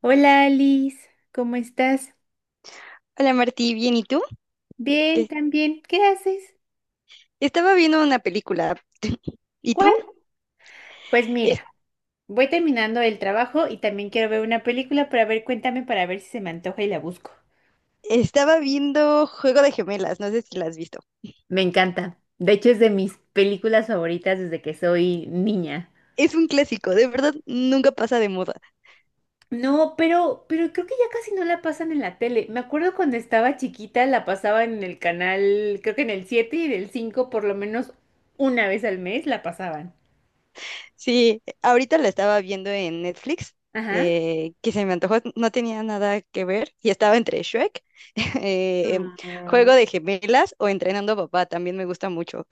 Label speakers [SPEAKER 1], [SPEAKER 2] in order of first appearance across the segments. [SPEAKER 1] Hola Alice, ¿cómo estás?
[SPEAKER 2] Hola Martí, bien, ¿y tú?
[SPEAKER 1] Bien,
[SPEAKER 2] ¿Qué?
[SPEAKER 1] también. ¿Qué haces?
[SPEAKER 2] Estaba viendo una película. ¿Y
[SPEAKER 1] ¿Cuál?
[SPEAKER 2] tú?
[SPEAKER 1] Pues
[SPEAKER 2] Es-
[SPEAKER 1] mira, voy terminando el trabajo y también quiero ver una película para ver, cuéntame para ver si se me antoja y la busco.
[SPEAKER 2] Estaba viendo Juego de Gemelas, no sé si la has visto.
[SPEAKER 1] Me encanta. De hecho, es de mis películas favoritas desde que soy niña.
[SPEAKER 2] Es un clásico, de verdad, nunca pasa de moda.
[SPEAKER 1] No, pero creo que ya casi no la pasan en la tele. Me acuerdo cuando estaba chiquita la pasaban en el canal, creo que en el 7 y en el 5 por lo menos una vez al mes la pasaban.
[SPEAKER 2] Sí, ahorita la estaba viendo en Netflix,
[SPEAKER 1] Ajá.
[SPEAKER 2] que se me antojó, no tenía nada que ver, y estaba entre Shrek, eh, Juego de Gemelas o Entrenando a Papá, también me gusta mucho.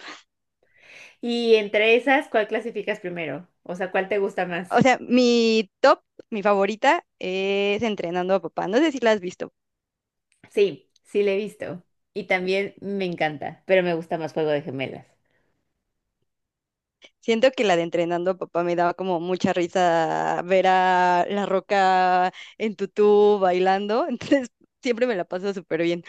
[SPEAKER 1] Y entre esas, ¿cuál clasificas primero? O sea, ¿cuál te gusta más?
[SPEAKER 2] O sea, mi top, mi favorita es Entrenando a Papá, no sé si la has visto.
[SPEAKER 1] Sí, sí la he visto. Y también me encanta, pero me gusta más Juego de Gemelas.
[SPEAKER 2] Siento que la de entrenando a papá me daba como mucha risa ver a La Roca en tutú bailando, entonces siempre me la paso súper bien.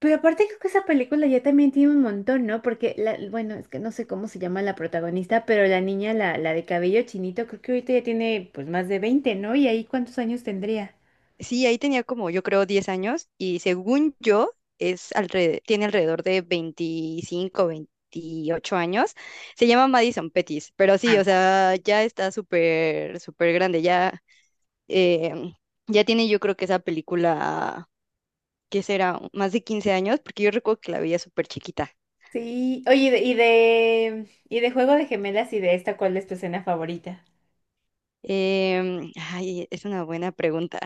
[SPEAKER 1] Pero aparte creo que esa película ya también tiene un montón, ¿no? Porque, bueno, es que no sé cómo se llama la protagonista, pero la niña, la de cabello chinito, creo que ahorita ya tiene pues más de 20, ¿no? ¿Y ahí cuántos años tendría?
[SPEAKER 2] Sí, ahí tenía como yo creo 10 años y según yo tiene alrededor de 25, 28 años. Se llama Madison Pettis, pero sí, o
[SPEAKER 1] Ah.
[SPEAKER 2] sea, ya está súper, súper grande, ya, em, ya tiene yo creo que esa película, ¿qué será? Más de 15 años, porque yo recuerdo que la veía súper chiquita.
[SPEAKER 1] Sí, oye, y de Juego de Gemelas y de esta, ¿cuál es tu escena favorita?
[SPEAKER 2] Ay, es una buena pregunta.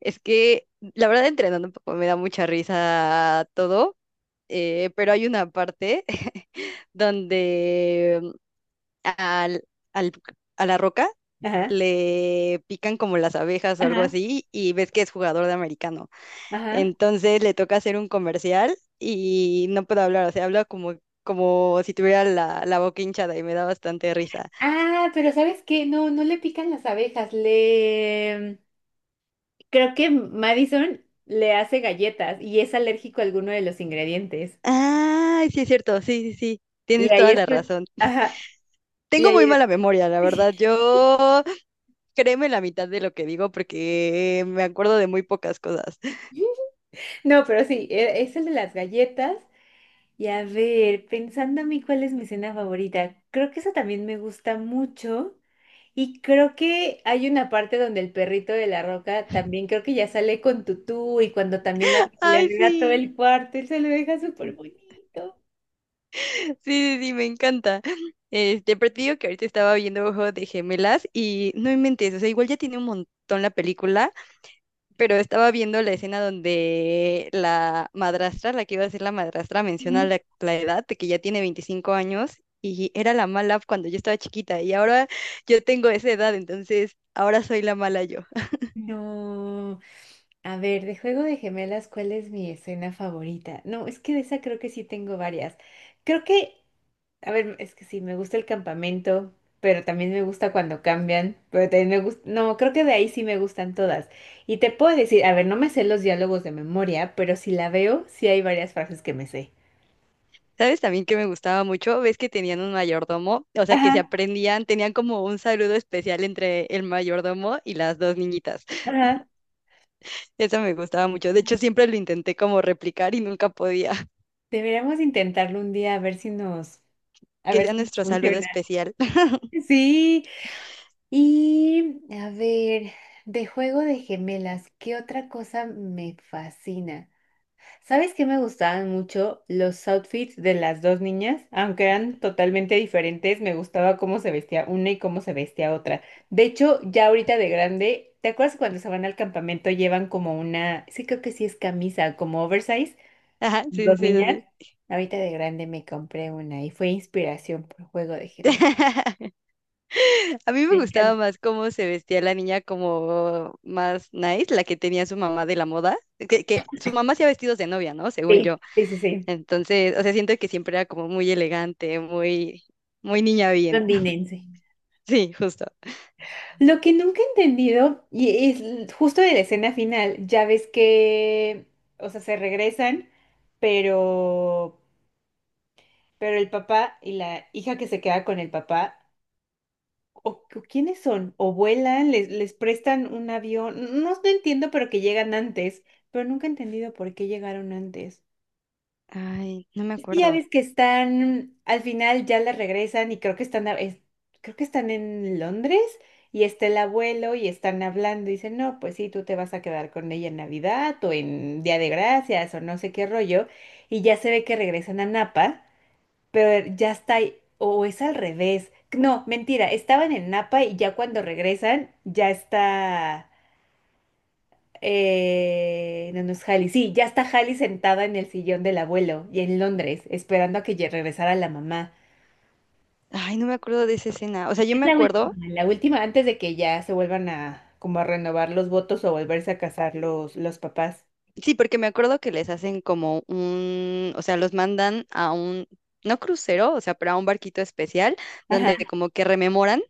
[SPEAKER 2] Es que la verdad entrenando un poco me da mucha risa todo, pero hay una parte donde al, al- a la roca
[SPEAKER 1] Ajá,
[SPEAKER 2] le pican como las abejas o algo
[SPEAKER 1] ajá,
[SPEAKER 2] así y ves que es jugador de americano.
[SPEAKER 1] ajá.
[SPEAKER 2] Entonces le toca hacer un comercial y no puede hablar, o sea, habla como, como si tuviera la boca hinchada y me da bastante risa.
[SPEAKER 1] Ah, pero ¿sabes qué? No, no le pican las abejas, le... Creo que Madison le hace galletas y es alérgico a alguno de los ingredientes.
[SPEAKER 2] Ah, sí es cierto, sí, sí, sí,
[SPEAKER 1] Y
[SPEAKER 2] tienes
[SPEAKER 1] ahí
[SPEAKER 2] toda la
[SPEAKER 1] es... lo-
[SPEAKER 2] razón.
[SPEAKER 1] Ajá. y
[SPEAKER 2] Tengo
[SPEAKER 1] ahí
[SPEAKER 2] muy
[SPEAKER 1] es-
[SPEAKER 2] mala memoria, la verdad. Yo créeme la mitad de lo que digo porque me acuerdo de muy pocas cosas.
[SPEAKER 1] No, pero sí, es el de las galletas. Y a ver, pensando a mí cuál es mi cena favorita, creo que eso también me gusta mucho. Y creo que hay una parte donde el perrito de la roca también creo que ya sale con tutú y cuando también le
[SPEAKER 2] Ay,
[SPEAKER 1] arregla todo
[SPEAKER 2] sí,
[SPEAKER 1] el cuarto, él se lo deja súper bonito.
[SPEAKER 2] sí, sí, sí, me encanta. Este, pero te digo que ahorita estaba viendo Ojo de Gemelas y no inventes, o sea, igual ya tiene un montón la película, pero estaba viendo la escena donde la madrastra, la que iba a ser la madrastra, menciona
[SPEAKER 1] Ujú.
[SPEAKER 2] la edad de que ya tiene 25 años y era la mala cuando yo estaba chiquita y ahora yo tengo esa edad, entonces ahora soy la mala yo.
[SPEAKER 1] No. A ver, de Juego de Gemelas, ¿cuál es mi escena favorita? No, es que de esa creo que sí tengo varias. Creo que, a ver, es que sí, me gusta el campamento, pero también me gusta cuando cambian, pero también me gusta, no, creo que de ahí sí me gustan todas. Y te puedo decir, a ver, no me sé los diálogos de memoria, pero si la veo, sí hay varias frases que me sé.
[SPEAKER 2] ¿Sabes también que me gustaba mucho? Ves que tenían un mayordomo, o sea, que se
[SPEAKER 1] Ajá,
[SPEAKER 2] aprendían, tenían como un saludo especial entre el mayordomo y las dos niñitas.
[SPEAKER 1] ajá.
[SPEAKER 2] Eso me gustaba mucho. De hecho, siempre lo intenté como replicar y nunca podía.
[SPEAKER 1] Deberíamos intentarlo un día a ver si nos, a
[SPEAKER 2] Que
[SPEAKER 1] ver
[SPEAKER 2] sea
[SPEAKER 1] si nos
[SPEAKER 2] nuestro saludo
[SPEAKER 1] funciona.
[SPEAKER 2] especial.
[SPEAKER 1] Sí. Y a ver, de juego de gemelas, ¿qué otra cosa me fascina? ¿Sabes qué me gustaban mucho los outfits de las dos niñas? Aunque eran totalmente diferentes, me gustaba cómo se vestía una y cómo se vestía otra. De hecho, ya ahorita de grande, ¿te acuerdas cuando se van al campamento llevan como una, sí creo que sí es camisa, como oversize,
[SPEAKER 2] Ajá,
[SPEAKER 1] las
[SPEAKER 2] sí,
[SPEAKER 1] dos
[SPEAKER 2] sí,
[SPEAKER 1] niñas?
[SPEAKER 2] sí.
[SPEAKER 1] Ahorita de grande me compré una y fue inspiración por juego de
[SPEAKER 2] Sí.
[SPEAKER 1] gemelas.
[SPEAKER 2] A mí me
[SPEAKER 1] Me
[SPEAKER 2] gustaba
[SPEAKER 1] encanta.
[SPEAKER 2] más cómo se vestía la niña como más nice, la que tenía su mamá de la moda, que su mamá hacía vestidos de novia, ¿no? Según
[SPEAKER 1] Sí,
[SPEAKER 2] yo.
[SPEAKER 1] sí, sí, sí.
[SPEAKER 2] Entonces, o sea, siento que siempre era como muy elegante, muy, muy niña bien.
[SPEAKER 1] Londinense.
[SPEAKER 2] Sí, justo.
[SPEAKER 1] Lo que nunca he entendido, y es justo de la escena final, ya ves que, o sea, se regresan, pero, pero el papá y la hija que se queda con el papá, o ¿quiénes son? ¿O vuelan? ¿Les, les prestan un avión? No, no entiendo, pero que llegan antes, pero nunca he entendido por qué llegaron antes.
[SPEAKER 2] Ay, no me
[SPEAKER 1] Es que ya
[SPEAKER 2] acuerdo.
[SPEAKER 1] ves que están, al final ya la regresan y creo que están, creo que están en Londres y está el abuelo y están hablando y dicen, no, pues sí, tú te vas a quedar con ella en Navidad o en Día de Gracias o no sé qué rollo. Y ya se ve que regresan a Napa, pero ya está, o es al revés. No, mentira, estaban en Napa y ya cuando regresan ya está. No, no es Hallie. Sí, ya está Hallie sentada en el sillón del abuelo y en Londres, esperando a que ya regresara la mamá.
[SPEAKER 2] Ay, no me acuerdo de esa escena. O sea, yo me acuerdo,
[SPEAKER 1] La última, antes de que ya se vuelvan a como a renovar los votos o volverse a casar los papás.
[SPEAKER 2] sí, porque me acuerdo que les hacen como un, o sea, los mandan a un, no crucero, o sea, pero a un barquito especial
[SPEAKER 1] Ajá,
[SPEAKER 2] donde como que rememoran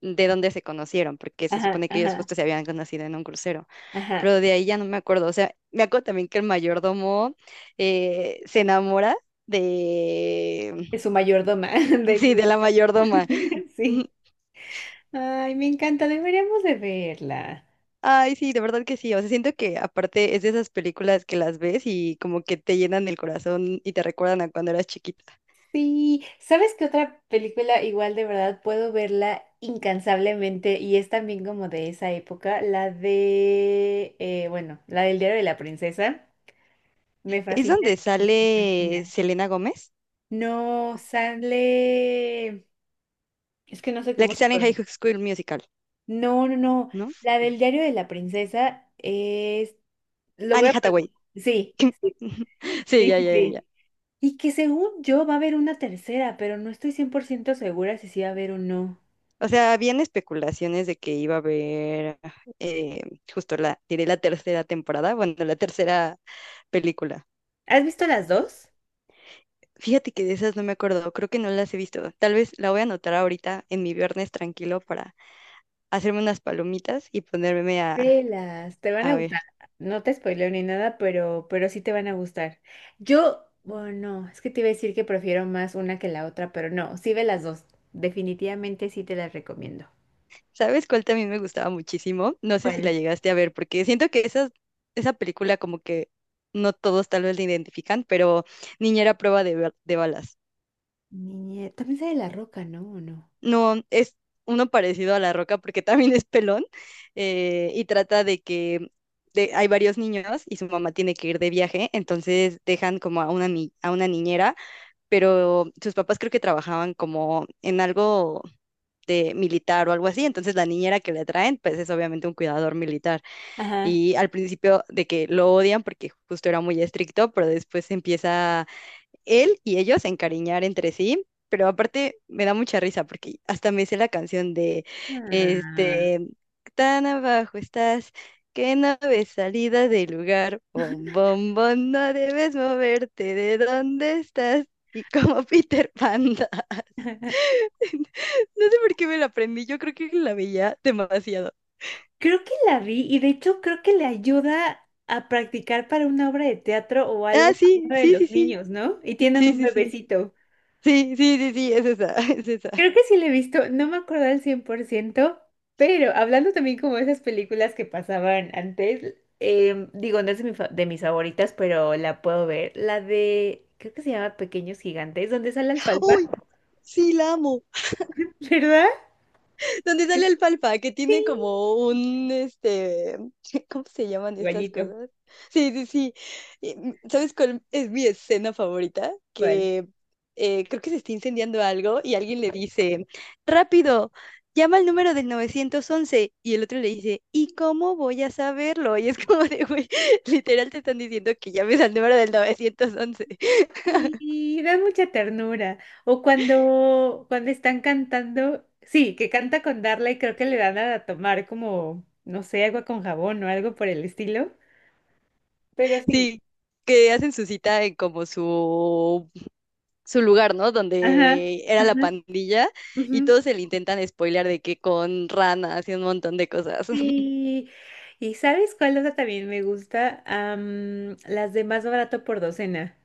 [SPEAKER 2] de dónde se conocieron, porque se
[SPEAKER 1] ajá,
[SPEAKER 2] supone que ellos
[SPEAKER 1] ajá,
[SPEAKER 2] justo se habían conocido en un crucero.
[SPEAKER 1] ajá.
[SPEAKER 2] Pero de ahí ya no me acuerdo. O sea, me acuerdo también que el mayordomo se enamora de,
[SPEAKER 1] Es su mayordoma de
[SPEAKER 2] sí, de
[SPEAKER 1] su.
[SPEAKER 2] la mayordoma.
[SPEAKER 1] Sí. Ay, me encanta, deberíamos de verla.
[SPEAKER 2] Ay, sí, de verdad que sí. O sea, siento que aparte es de esas películas que las ves y como que te llenan el corazón y te recuerdan a cuando eras chiquita.
[SPEAKER 1] Sí, ¿sabes qué otra película igual de verdad puedo verla incansablemente y es también como de esa época? La de, bueno, la del Diario de la Princesa. Me
[SPEAKER 2] Es
[SPEAKER 1] fascina
[SPEAKER 2] donde
[SPEAKER 1] y me
[SPEAKER 2] sale
[SPEAKER 1] fascina.
[SPEAKER 2] Selena Gómez,
[SPEAKER 1] No, sale... Es que no sé
[SPEAKER 2] la
[SPEAKER 1] cómo
[SPEAKER 2] que
[SPEAKER 1] se
[SPEAKER 2] sale en High
[SPEAKER 1] pronuncia.
[SPEAKER 2] School Musical,
[SPEAKER 1] No, no, no.
[SPEAKER 2] ¿no?
[SPEAKER 1] La del Diario de la Princesa es... Lo
[SPEAKER 2] Annie
[SPEAKER 1] voy a... pro-
[SPEAKER 2] Hathaway.
[SPEAKER 1] Sí, sí,
[SPEAKER 2] Sí,
[SPEAKER 1] sí,
[SPEAKER 2] ya,
[SPEAKER 1] sí,
[SPEAKER 2] ya, ya, ya.
[SPEAKER 1] sí. Y que según yo va a haber una tercera, pero no estoy 100% segura si sí va a haber o no.
[SPEAKER 2] O sea, habían especulaciones de que iba a haber eh, justo la, diré la tercera temporada, bueno, la tercera película.
[SPEAKER 1] ¿Has visto las dos?
[SPEAKER 2] Fíjate que de esas no me acuerdo, creo que no las he visto. Tal vez la voy a anotar ahorita en mi viernes tranquilo para hacerme unas palomitas y ponerme
[SPEAKER 1] Velas, te van
[SPEAKER 2] a
[SPEAKER 1] a
[SPEAKER 2] ver.
[SPEAKER 1] gustar. No te spoileo ni nada, pero sí te van a gustar. Yo, bueno, no, es que te iba a decir que prefiero más una que la otra, pero no, sí ve las dos. Definitivamente sí te las recomiendo.
[SPEAKER 2] ¿Sabes cuál también me gustaba muchísimo? No sé si la
[SPEAKER 1] ¿Cuál?
[SPEAKER 2] llegaste a ver, porque siento que esa película como que no todos tal vez la identifican, pero Niñera a prueba de, de balas.
[SPEAKER 1] También sale La Roca, ¿no? ¿O no?
[SPEAKER 2] No, es uno parecido a La Roca porque también es pelón y trata de que hay varios niños y su mamá tiene que ir de viaje, entonces dejan como a una, a una niñera, pero sus papás creo que trabajaban como en algo de militar o algo así, entonces la niñera que le traen, pues es obviamente un cuidador militar.
[SPEAKER 1] Ajá.
[SPEAKER 2] Y al principio de que lo odian porque justo era muy estricto, pero después empieza él y ellos a encariñar entre sí. Pero aparte me da mucha risa porque hasta me hice la canción de,
[SPEAKER 1] Ah.
[SPEAKER 2] este, tan abajo estás, que no ves salida del lugar, bom, bom, bom, no debes moverte de donde estás, y como Peter Pan das. No sé por qué me la aprendí, yo creo que la veía demasiado.
[SPEAKER 1] Creo que la vi y de hecho creo que le ayuda a practicar para una obra de teatro o
[SPEAKER 2] Ah,
[SPEAKER 1] algo a
[SPEAKER 2] sí,
[SPEAKER 1] uno de
[SPEAKER 2] sí, sí,
[SPEAKER 1] los
[SPEAKER 2] sí,
[SPEAKER 1] niños, ¿no? Y tienen
[SPEAKER 2] sí,
[SPEAKER 1] un
[SPEAKER 2] sí, sí.
[SPEAKER 1] bebecito.
[SPEAKER 2] Sí, sí, sí, sí, es esa, es esa.
[SPEAKER 1] Creo que sí la he visto, no me acuerdo al 100%, pero hablando también como de esas películas que pasaban antes, digo, no es de, de mis favoritas, pero la puedo ver, la de, creo que se llama Pequeños Gigantes, donde sale Alfalfa,
[SPEAKER 2] ¡Uy! Sí, la amo.
[SPEAKER 1] ¿verdad?
[SPEAKER 2] Donde sale el palpa, que
[SPEAKER 1] Sí.
[SPEAKER 2] tiene como un, este, ¿cómo se llaman estas
[SPEAKER 1] Igualito,
[SPEAKER 2] cosas? Sí, sí, sí. Y, ¿sabes cuál es mi escena favorita?
[SPEAKER 1] igual.
[SPEAKER 2] Que creo que se está incendiando algo y alguien le dice, rápido, llama al número del 911 y el otro le dice, ¿y cómo voy a saberlo? Y es como de, güey, literal te están diciendo que llames al número del 911.
[SPEAKER 1] Y da mucha ternura. O cuando están cantando, sí, que canta con Darla y creo que le dan a tomar como, no sé, agua con jabón o algo por el estilo, pero sí.
[SPEAKER 2] Sí, que hacen su cita en como su su lugar, ¿no?
[SPEAKER 1] Ajá,
[SPEAKER 2] Donde era la
[SPEAKER 1] ajá.
[SPEAKER 2] pandilla y
[SPEAKER 1] Ujú.
[SPEAKER 2] todos se le intentan spoilear de que con ranas y un montón de cosas.
[SPEAKER 1] Sí, y ¿sabes cuál otra también me gusta? Am, las de más barato por docena.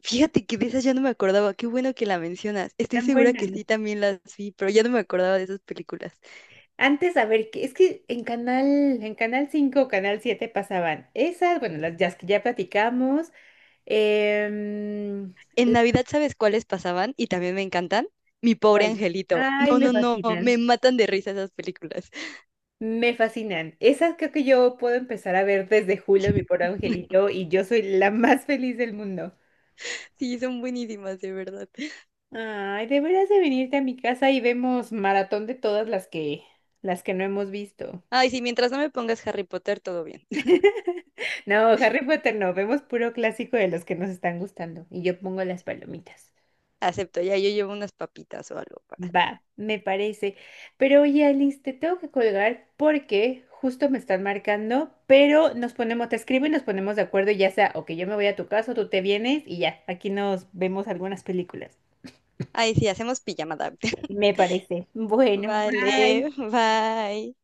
[SPEAKER 2] Fíjate que de esas ya no me acordaba, qué bueno que la mencionas. Estoy
[SPEAKER 1] Tan
[SPEAKER 2] segura que
[SPEAKER 1] buenas.
[SPEAKER 2] sí también las vi, pero ya no me acordaba de esas películas.
[SPEAKER 1] Antes, a ver, es que en en Canal 5 o Canal 7 pasaban esas, bueno, las ya que ya platicamos. em,
[SPEAKER 2] En
[SPEAKER 1] ¿Las
[SPEAKER 2] Navidad, ¿sabes cuáles pasaban? Y también me encantan. Mi pobre
[SPEAKER 1] cuales?
[SPEAKER 2] angelito.
[SPEAKER 1] Ay,
[SPEAKER 2] No,
[SPEAKER 1] me
[SPEAKER 2] no, no,
[SPEAKER 1] fascinan.
[SPEAKER 2] me matan de risa esas películas.
[SPEAKER 1] Me fascinan. Esas creo que yo puedo empezar a ver desde julio, mi pobre angelito, y yo soy la más feliz del mundo.
[SPEAKER 2] Sí, son buenísimas, de verdad.
[SPEAKER 1] Ay, deberás de venirte a mi casa y vemos maratón de todas las que no hemos visto.
[SPEAKER 2] Ay, sí, mientras no me pongas Harry Potter, todo bien.
[SPEAKER 1] No, Harry Potter no, vemos puro clásico de los que nos están gustando y yo pongo las palomitas.
[SPEAKER 2] Acepto, ya yo llevo unas papitas o algo para.
[SPEAKER 1] Va, me parece. Pero oye, Alice, te tengo que colgar porque justo me están marcando, pero nos ponemos, te escribo y nos ponemos de acuerdo, ya sea o que yo me voy a tu casa o tú te vienes y ya, aquí nos vemos algunas películas.
[SPEAKER 2] Ay, sí, hacemos pijamada.
[SPEAKER 1] Me parece. Bueno, bye.
[SPEAKER 2] Vale, bye.